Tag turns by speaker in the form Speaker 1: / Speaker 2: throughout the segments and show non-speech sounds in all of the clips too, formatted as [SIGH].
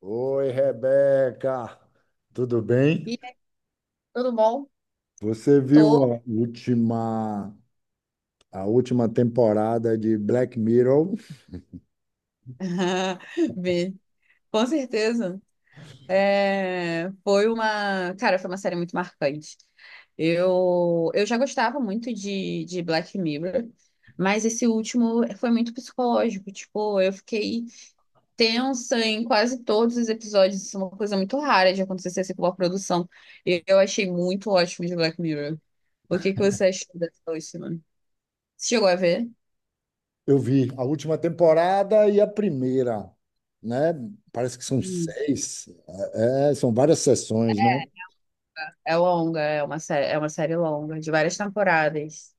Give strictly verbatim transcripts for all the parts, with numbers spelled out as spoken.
Speaker 1: Oi, Rebeca, tudo bem?
Speaker 2: E aí, tudo bom?
Speaker 1: Você viu
Speaker 2: Tô.
Speaker 1: a última, a última temporada de Black Mirror?
Speaker 2: [LAUGHS]
Speaker 1: [LAUGHS]
Speaker 2: Vi. Com certeza. É, foi uma, cara, foi uma série muito marcante. Eu, eu já gostava muito de, de Black Mirror, mas esse último foi muito psicológico. Tipo, eu fiquei tensa em quase todos os episódios. Isso é uma coisa muito rara de acontecer assim, com uma produção. E eu achei muito ótimo de Black Mirror. O que que você achou dessa última? Você chegou a ver?
Speaker 1: Eu vi a última temporada e a primeira, né? Parece que são seis, é, é, são várias sessões, né?
Speaker 2: É longa, é uma série, é uma série longa, de várias temporadas.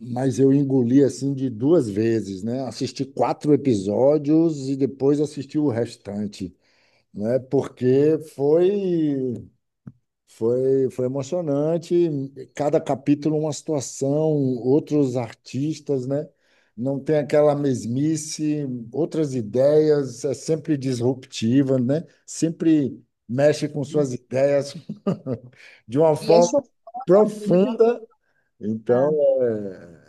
Speaker 1: Mas eu engoli assim de duas vezes, né? Assisti quatro episódios e depois assisti o restante, né? Porque foi foi foi emocionante. Cada capítulo uma situação, outros artistas, né? Não tem aquela mesmice, outras ideias, é sempre disruptiva, né? Sempre mexe com suas ideias [LAUGHS] de uma
Speaker 2: E
Speaker 1: forma
Speaker 2: acho que-
Speaker 1: profunda.
Speaker 2: ah,
Speaker 1: Então, é,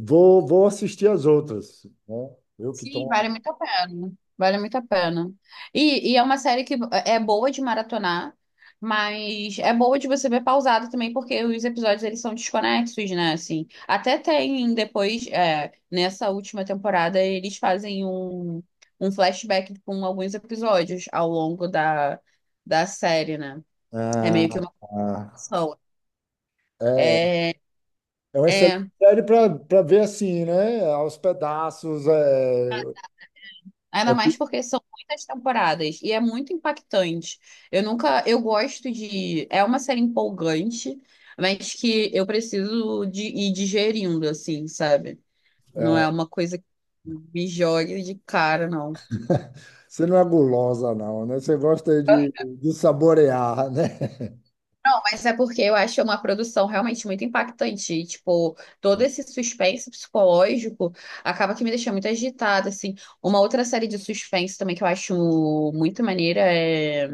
Speaker 1: Vou, vou assistir as outras, né? Eu que
Speaker 2: Sim,
Speaker 1: estou.
Speaker 2: vale muito a pena. Vale muito a pena. E, e é uma série que é boa de maratonar, mas é boa de você ver pausado também, porque os episódios eles são desconexos, né? Assim, até tem depois, é, nessa última temporada, eles fazem um, um flashback com alguns episódios ao longo da, da série, né? É meio que
Speaker 1: Ah,
Speaker 2: uma
Speaker 1: ah.
Speaker 2: continuação.
Speaker 1: É,
Speaker 2: É,
Speaker 1: é uma excelente
Speaker 2: é,
Speaker 1: série para ver assim, né? Aos pedaços. É,
Speaker 2: Ainda
Speaker 1: é-
Speaker 2: mais porque são muitas temporadas e é muito impactante. Eu nunca, eu gosto de, é uma série empolgante, mas que eu preciso de ir digerindo assim, sabe? Não é
Speaker 1: é.
Speaker 2: uma coisa que me jogue de cara, não.
Speaker 1: Você não é gulosa, não, né? Você gosta de, de saborear, né?
Speaker 2: Mas é porque eu acho uma produção realmente muito impactante. E, tipo, todo esse suspense psicológico acaba que me deixa muito agitada, assim. Uma outra série de suspense também que eu acho muito maneira é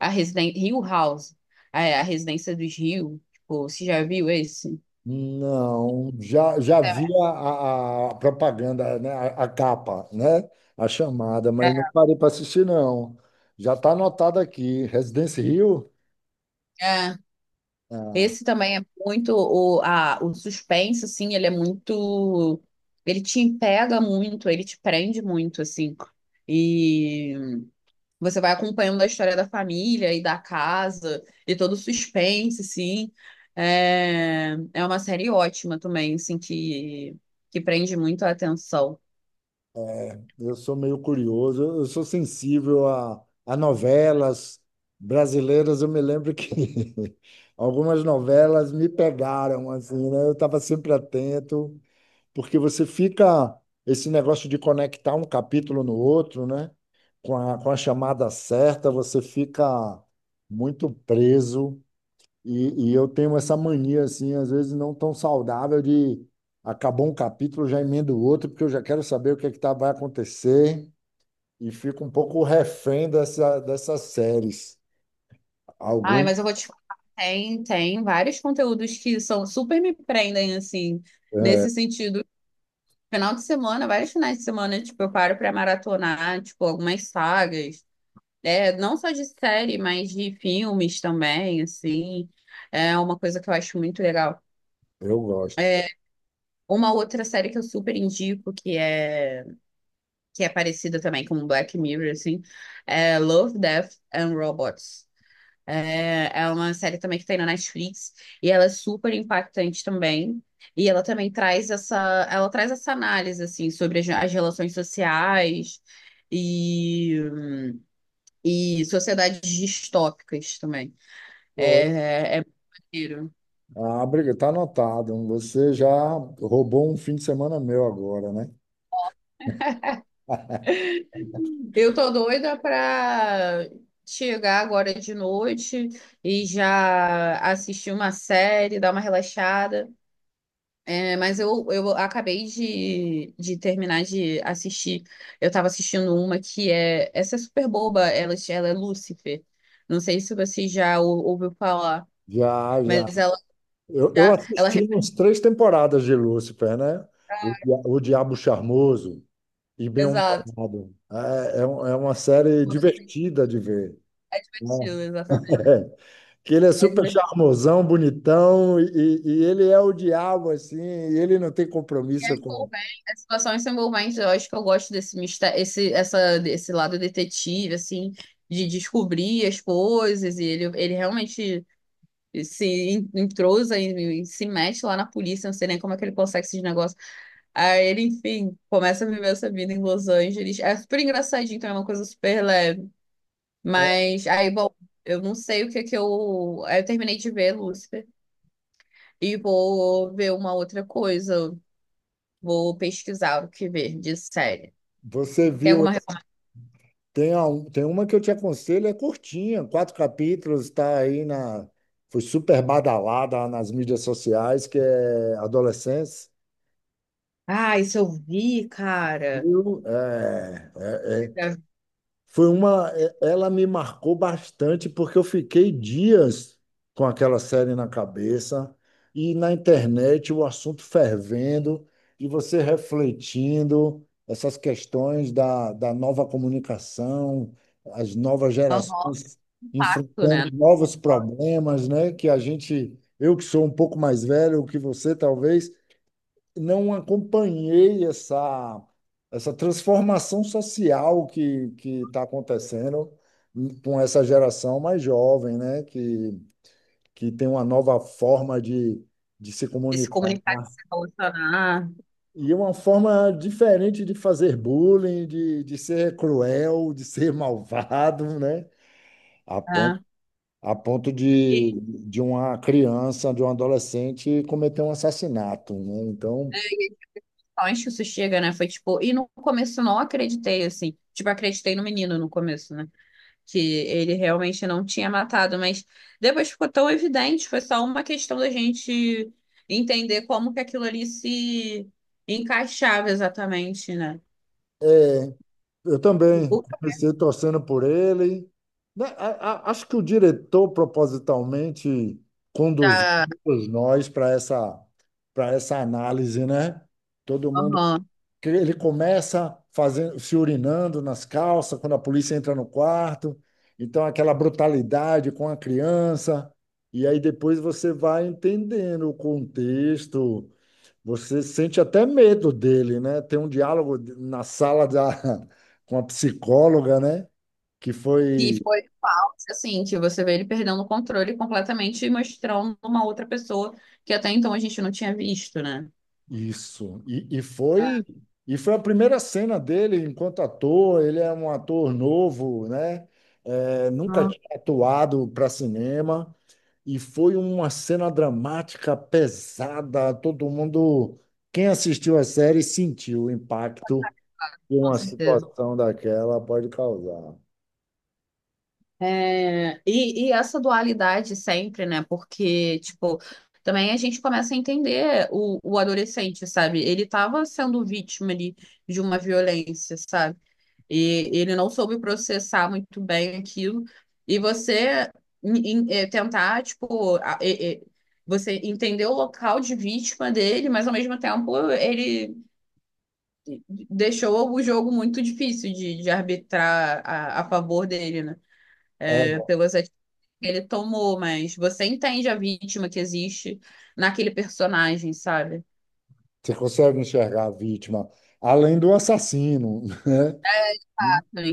Speaker 2: a Residen Hill House, é, a Residência dos Hill. Tipo, você já viu esse?
Speaker 1: Não, já, já vi
Speaker 2: É.
Speaker 1: a, a propaganda, né? A, a capa, né? A chamada, mas não parei para assistir, não. Já está anotado aqui. Residence Hill?
Speaker 2: É.
Speaker 1: Ah,
Speaker 2: Esse também é muito o, a, o suspense, assim, ele é muito. Ele te pega muito, ele te prende muito, assim. E você vai acompanhando a história da família e da casa e todo o suspense, assim. É, é uma série ótima também, assim, que, que prende muito a atenção.
Speaker 1: eu sou meio curioso, eu sou sensível a, a novelas brasileiras. Eu me lembro que [LAUGHS] algumas novelas me pegaram, assim, né? Eu estava sempre atento, porque você fica esse negócio de conectar um capítulo no outro, né? Com a, com a chamada certa, você fica muito preso. E, e eu tenho essa mania, assim, às vezes não tão saudável de acabou um capítulo, já emendo o outro, porque eu já quero saber o que é que tá, vai acontecer e fico um pouco refém dessa, dessas séries.
Speaker 2: Ai,
Speaker 1: Algum
Speaker 2: mas eu vou te falar, tem, tem vários conteúdos que são super me prendem, assim, nesse sentido. Final de semana, vários finais de semana, tipo, eu paro pra maratonar, tipo, algumas sagas. É, não só de série, mas de filmes também, assim. É uma coisa que eu acho muito legal.
Speaker 1: eu gosto.
Speaker 2: Uma outra série que eu super indico, que é, que é parecida também com Black Mirror, assim, é Love, Death and Robots. É, é uma série também que tem na Netflix e ela é super impactante também. E ela também traz essa, ela traz essa análise, assim, sobre as, as relações sociais e, e sociedades distópicas também. É,
Speaker 1: Pô,
Speaker 2: é, é maneiro.
Speaker 1: ah, briga, tá anotado. Você já roubou um fim de semana meu agora, né?
Speaker 2: Eu tô doida pra chegar agora de noite e já assistir uma série, dar uma relaxada. É, mas eu, eu acabei de, de terminar de assistir. Eu tava assistindo uma que é. Essa é super boba, ela, ela é Lúcifer. Não sei se você já ou- ouviu falar,
Speaker 1: Já, já.
Speaker 2: mas ela
Speaker 1: Eu, eu
Speaker 2: já. Ela,
Speaker 1: assisti uns três temporadas de Lúcifer, né? O, Dia- o Diabo Charmoso e
Speaker 2: exato.
Speaker 1: Bem-Humorado. É, é, um- é uma série divertida de ver,
Speaker 2: É
Speaker 1: né?
Speaker 2: divertido, exatamente.
Speaker 1: [LAUGHS] Que ele é super
Speaker 2: É
Speaker 1: charmosão, bonitão, e, e ele é o diabo, assim, e ele não tem
Speaker 2: e é
Speaker 1: compromisso com.
Speaker 2: envolvente, as situações são envolventes. Eu acho que eu gosto desse mistério, esse, essa, desse lado detetive, assim, de descobrir as coisas. E ele, ele realmente se en- entrosa e, e se mete lá na polícia. Não sei nem como é que ele consegue esses negócios. Aí ele, enfim, começa a viver essa vida em Los Angeles. É super engraçadinho, então é uma coisa super leve.
Speaker 1: É,
Speaker 2: Mas aí, bom, eu não sei o que é que eu. Aí eu terminei de ver Lúcifer e vou ver uma outra coisa. Vou pesquisar o que ver de série.
Speaker 1: você
Speaker 2: Tem
Speaker 1: viu,
Speaker 2: alguma recomendação?
Speaker 1: tem, a, um, tem uma que eu te aconselho, é curtinha, quatro capítulos, está aí na. Foi super badalada nas mídias sociais, que é Adolescência.
Speaker 2: Ah, isso eu vi, cara.
Speaker 1: Viu? É, é, Foi uma, eh, ela me marcou bastante porque eu fiquei dias com aquela série na cabeça e na internet o assunto fervendo e você refletindo essas questões da, da nova comunicação, as novas
Speaker 2: Aham,
Speaker 1: gerações
Speaker 2: impacto,
Speaker 1: enfrentando
Speaker 2: né?
Speaker 1: novos problemas, né? Que a gente, eu que sou um pouco mais velho que você, talvez, não acompanhei essa, essa transformação social que que está acontecendo com essa geração mais jovem, né? Que, que tem uma nova forma de, de se
Speaker 2: De se
Speaker 1: comunicar
Speaker 2: comunicar, de se relacionar,
Speaker 1: e uma forma diferente de fazer bullying, de, de ser cruel, de ser malvado, né? A ponto,
Speaker 2: né?
Speaker 1: a ponto de,
Speaker 2: E
Speaker 1: de uma criança, de um adolescente cometer um assassinato, né? Então,
Speaker 2: é, e só onde isso chega, né? Foi tipo, e no começo eu não acreditei, assim. Tipo, acreditei no menino no começo, né? Que ele realmente não tinha matado, mas depois ficou tão evidente, foi só uma questão da gente entender como que aquilo ali se encaixava exatamente, né?
Speaker 1: eu também
Speaker 2: O
Speaker 1: comecei torcendo por ele. Né, a- a- acho que o diretor propositalmente conduziu
Speaker 2: da...
Speaker 1: todos nós para essa, para essa análise, né? Todo mundo.
Speaker 2: Aham.
Speaker 1: Que Ele começa fazendo, se urinando nas calças quando a polícia entra no quarto. Então, aquela brutalidade com a criança. E aí depois você vai entendendo o contexto, você sente até medo dele, né? Tem um diálogo na sala da, [LAUGHS] com a psicóloga, né? Que
Speaker 2: Que
Speaker 1: foi
Speaker 2: foi assim, que você vê ele perdendo o controle completamente e mostrando uma outra pessoa que até então a gente não tinha visto, né?
Speaker 1: isso. E, e
Speaker 2: Ah,
Speaker 1: foi e foi a primeira cena dele enquanto ator. Ele é um ator novo, né? É, nunca
Speaker 2: ah,
Speaker 1: tinha atuado para cinema. E foi uma cena dramática, pesada. Todo mundo, quem assistiu a série, sentiu o impacto que
Speaker 2: com
Speaker 1: uma
Speaker 2: certeza.
Speaker 1: situação daquela pode causar.
Speaker 2: É, e, e essa dualidade sempre, né? Porque, tipo, também a gente começa a entender o, o adolescente, sabe? Ele estava sendo vítima ali de uma violência, sabe? E ele não soube processar muito bem aquilo. E você em- em- eh, tentar, tipo, a- eh, eh, você entender o local de vítima dele, mas ao mesmo tempo ele deixou o jogo muito difícil de, de arbitrar a, a favor dele, né?
Speaker 1: É,
Speaker 2: Eh, pelas atitudes que ele tomou, mas você entende a vítima que existe naquele personagem, sabe?
Speaker 1: você consegue enxergar a vítima, além do assassino, né?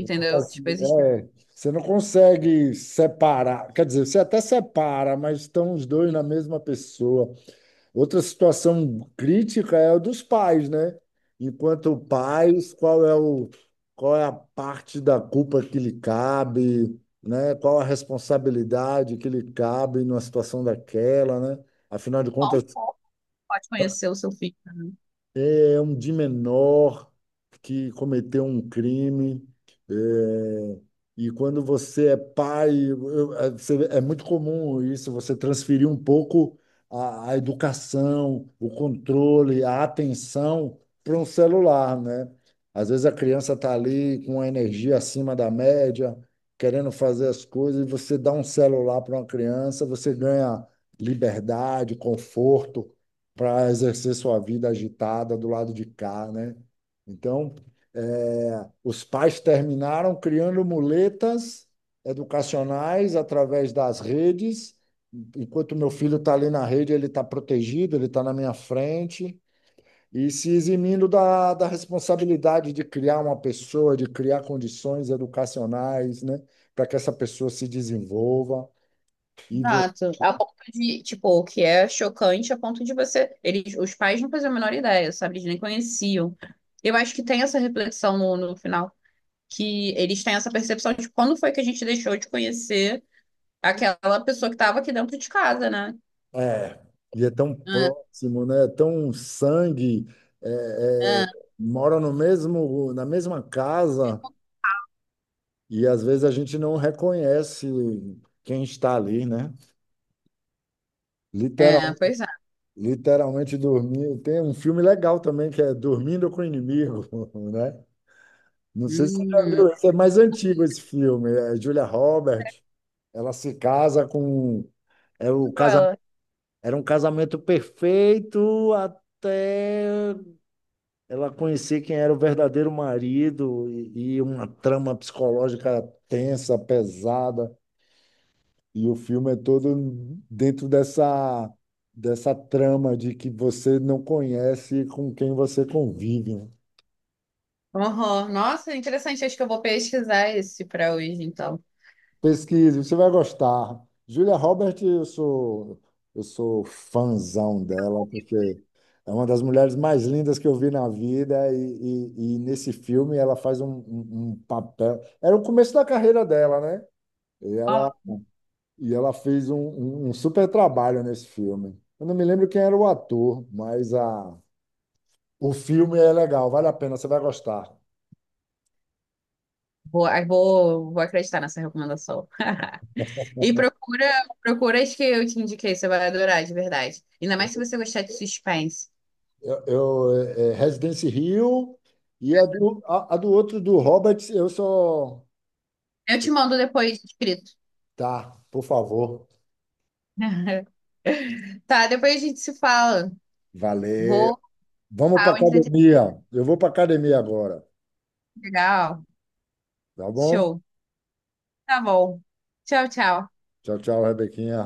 Speaker 1: O
Speaker 2: Tipo,
Speaker 1: assassino-
Speaker 2: existe
Speaker 1: é, você não consegue separar, quer dizer, você até separa, mas estão os dois na mesma pessoa. Outra situação crítica é a dos pais, né? Enquanto pais, qual é o, qual é a parte da culpa que lhe cabe, né? Qual a responsabilidade que lhe cabe numa situação daquela, né? Afinal de
Speaker 2: só um
Speaker 1: contas,
Speaker 2: pouco que pode conhecer o seu filho.
Speaker 1: é um de menor que cometeu um crime. É, e quando você é pai, eu- é você- é muito comum isso, você transferir um pouco a, a educação, o controle, a atenção para um celular, né? Às vezes a criança está ali com a energia acima da média, querendo fazer as coisas, e você dá um celular para uma criança, você ganha liberdade, conforto, para exercer sua vida agitada do lado de cá, né? Então, é, os pais terminaram criando muletas educacionais através das redes. Enquanto meu filho está ali na rede, ele está protegido, ele está na minha frente e se eximindo da, da responsabilidade de criar uma pessoa, de criar condições educacionais, né? Para que essa pessoa se desenvolva. E você
Speaker 2: Exato. A ponto de, tipo, o que é chocante a ponto de você. Eles, os pais não faziam a menor ideia, sabe? Eles nem conheciam. Eu acho que tem essa reflexão no, no final, que eles têm essa percepção de quando foi que a gente deixou de conhecer aquela pessoa que estava aqui dentro de casa, né?
Speaker 1: é, e é tão
Speaker 2: Ah,
Speaker 1: próximo, né? É tão sangue, é, é,
Speaker 2: ah,
Speaker 1: mora no mesmo, na mesma casa e às vezes a gente não reconhece quem está ali, né?
Speaker 2: é,
Speaker 1: Literal,
Speaker 2: pois é.
Speaker 1: literalmente dormir. Tem um filme legal também que é Dormindo com o Inimigo, [LAUGHS] né? Não sei se você já
Speaker 2: Hum,
Speaker 1: viu, esse é mais antigo esse filme. É Julia Roberts, ela se casa com, é o casa,
Speaker 2: ela.
Speaker 1: era um casamento perfeito até ela conhecia quem era o verdadeiro marido e, e uma trama psicológica tensa, pesada. E o filme é todo dentro dessa, dessa trama de que você não conhece com quem você convive, né?
Speaker 2: Uhum. Nossa, interessante. Acho que eu vou pesquisar esse para hoje, então.
Speaker 1: Pesquise, você vai gostar. Julia Roberts, eu sou, eu sou fãzão dela, porque é uma das mulheres mais lindas que eu vi na vida, e, e- e nesse filme ela faz um, um- um papel. Era o começo da carreira dela, né? E
Speaker 2: Ó.
Speaker 1: ela, e ela fez um, um- um super trabalho nesse filme. Eu não me lembro quem era o ator, mas a, o filme é legal, vale a pena, você vai gostar.
Speaker 2: Vou, vou, vou acreditar nessa recomendação. [LAUGHS] E procura, procura as que eu te indiquei, você vai adorar, de verdade. Ainda mais se você gostar de suspense.
Speaker 1: Eu, eu- é é Residence Hill e a do, a, a do outro, do Hobbit, eu só.
Speaker 2: Eu te mando depois escrito.
Speaker 1: Tá, por favor.
Speaker 2: [LAUGHS] Tá, depois a gente se fala.
Speaker 1: Valeu.
Speaker 2: Vou,
Speaker 1: Vamos para
Speaker 2: tal, entretenimento
Speaker 1: academia. Eu vou para academia agora,
Speaker 2: legal.
Speaker 1: tá bom?
Speaker 2: Show. Tá bom. Tchau, tchau.
Speaker 1: Tchau, tchau, Rebequinha.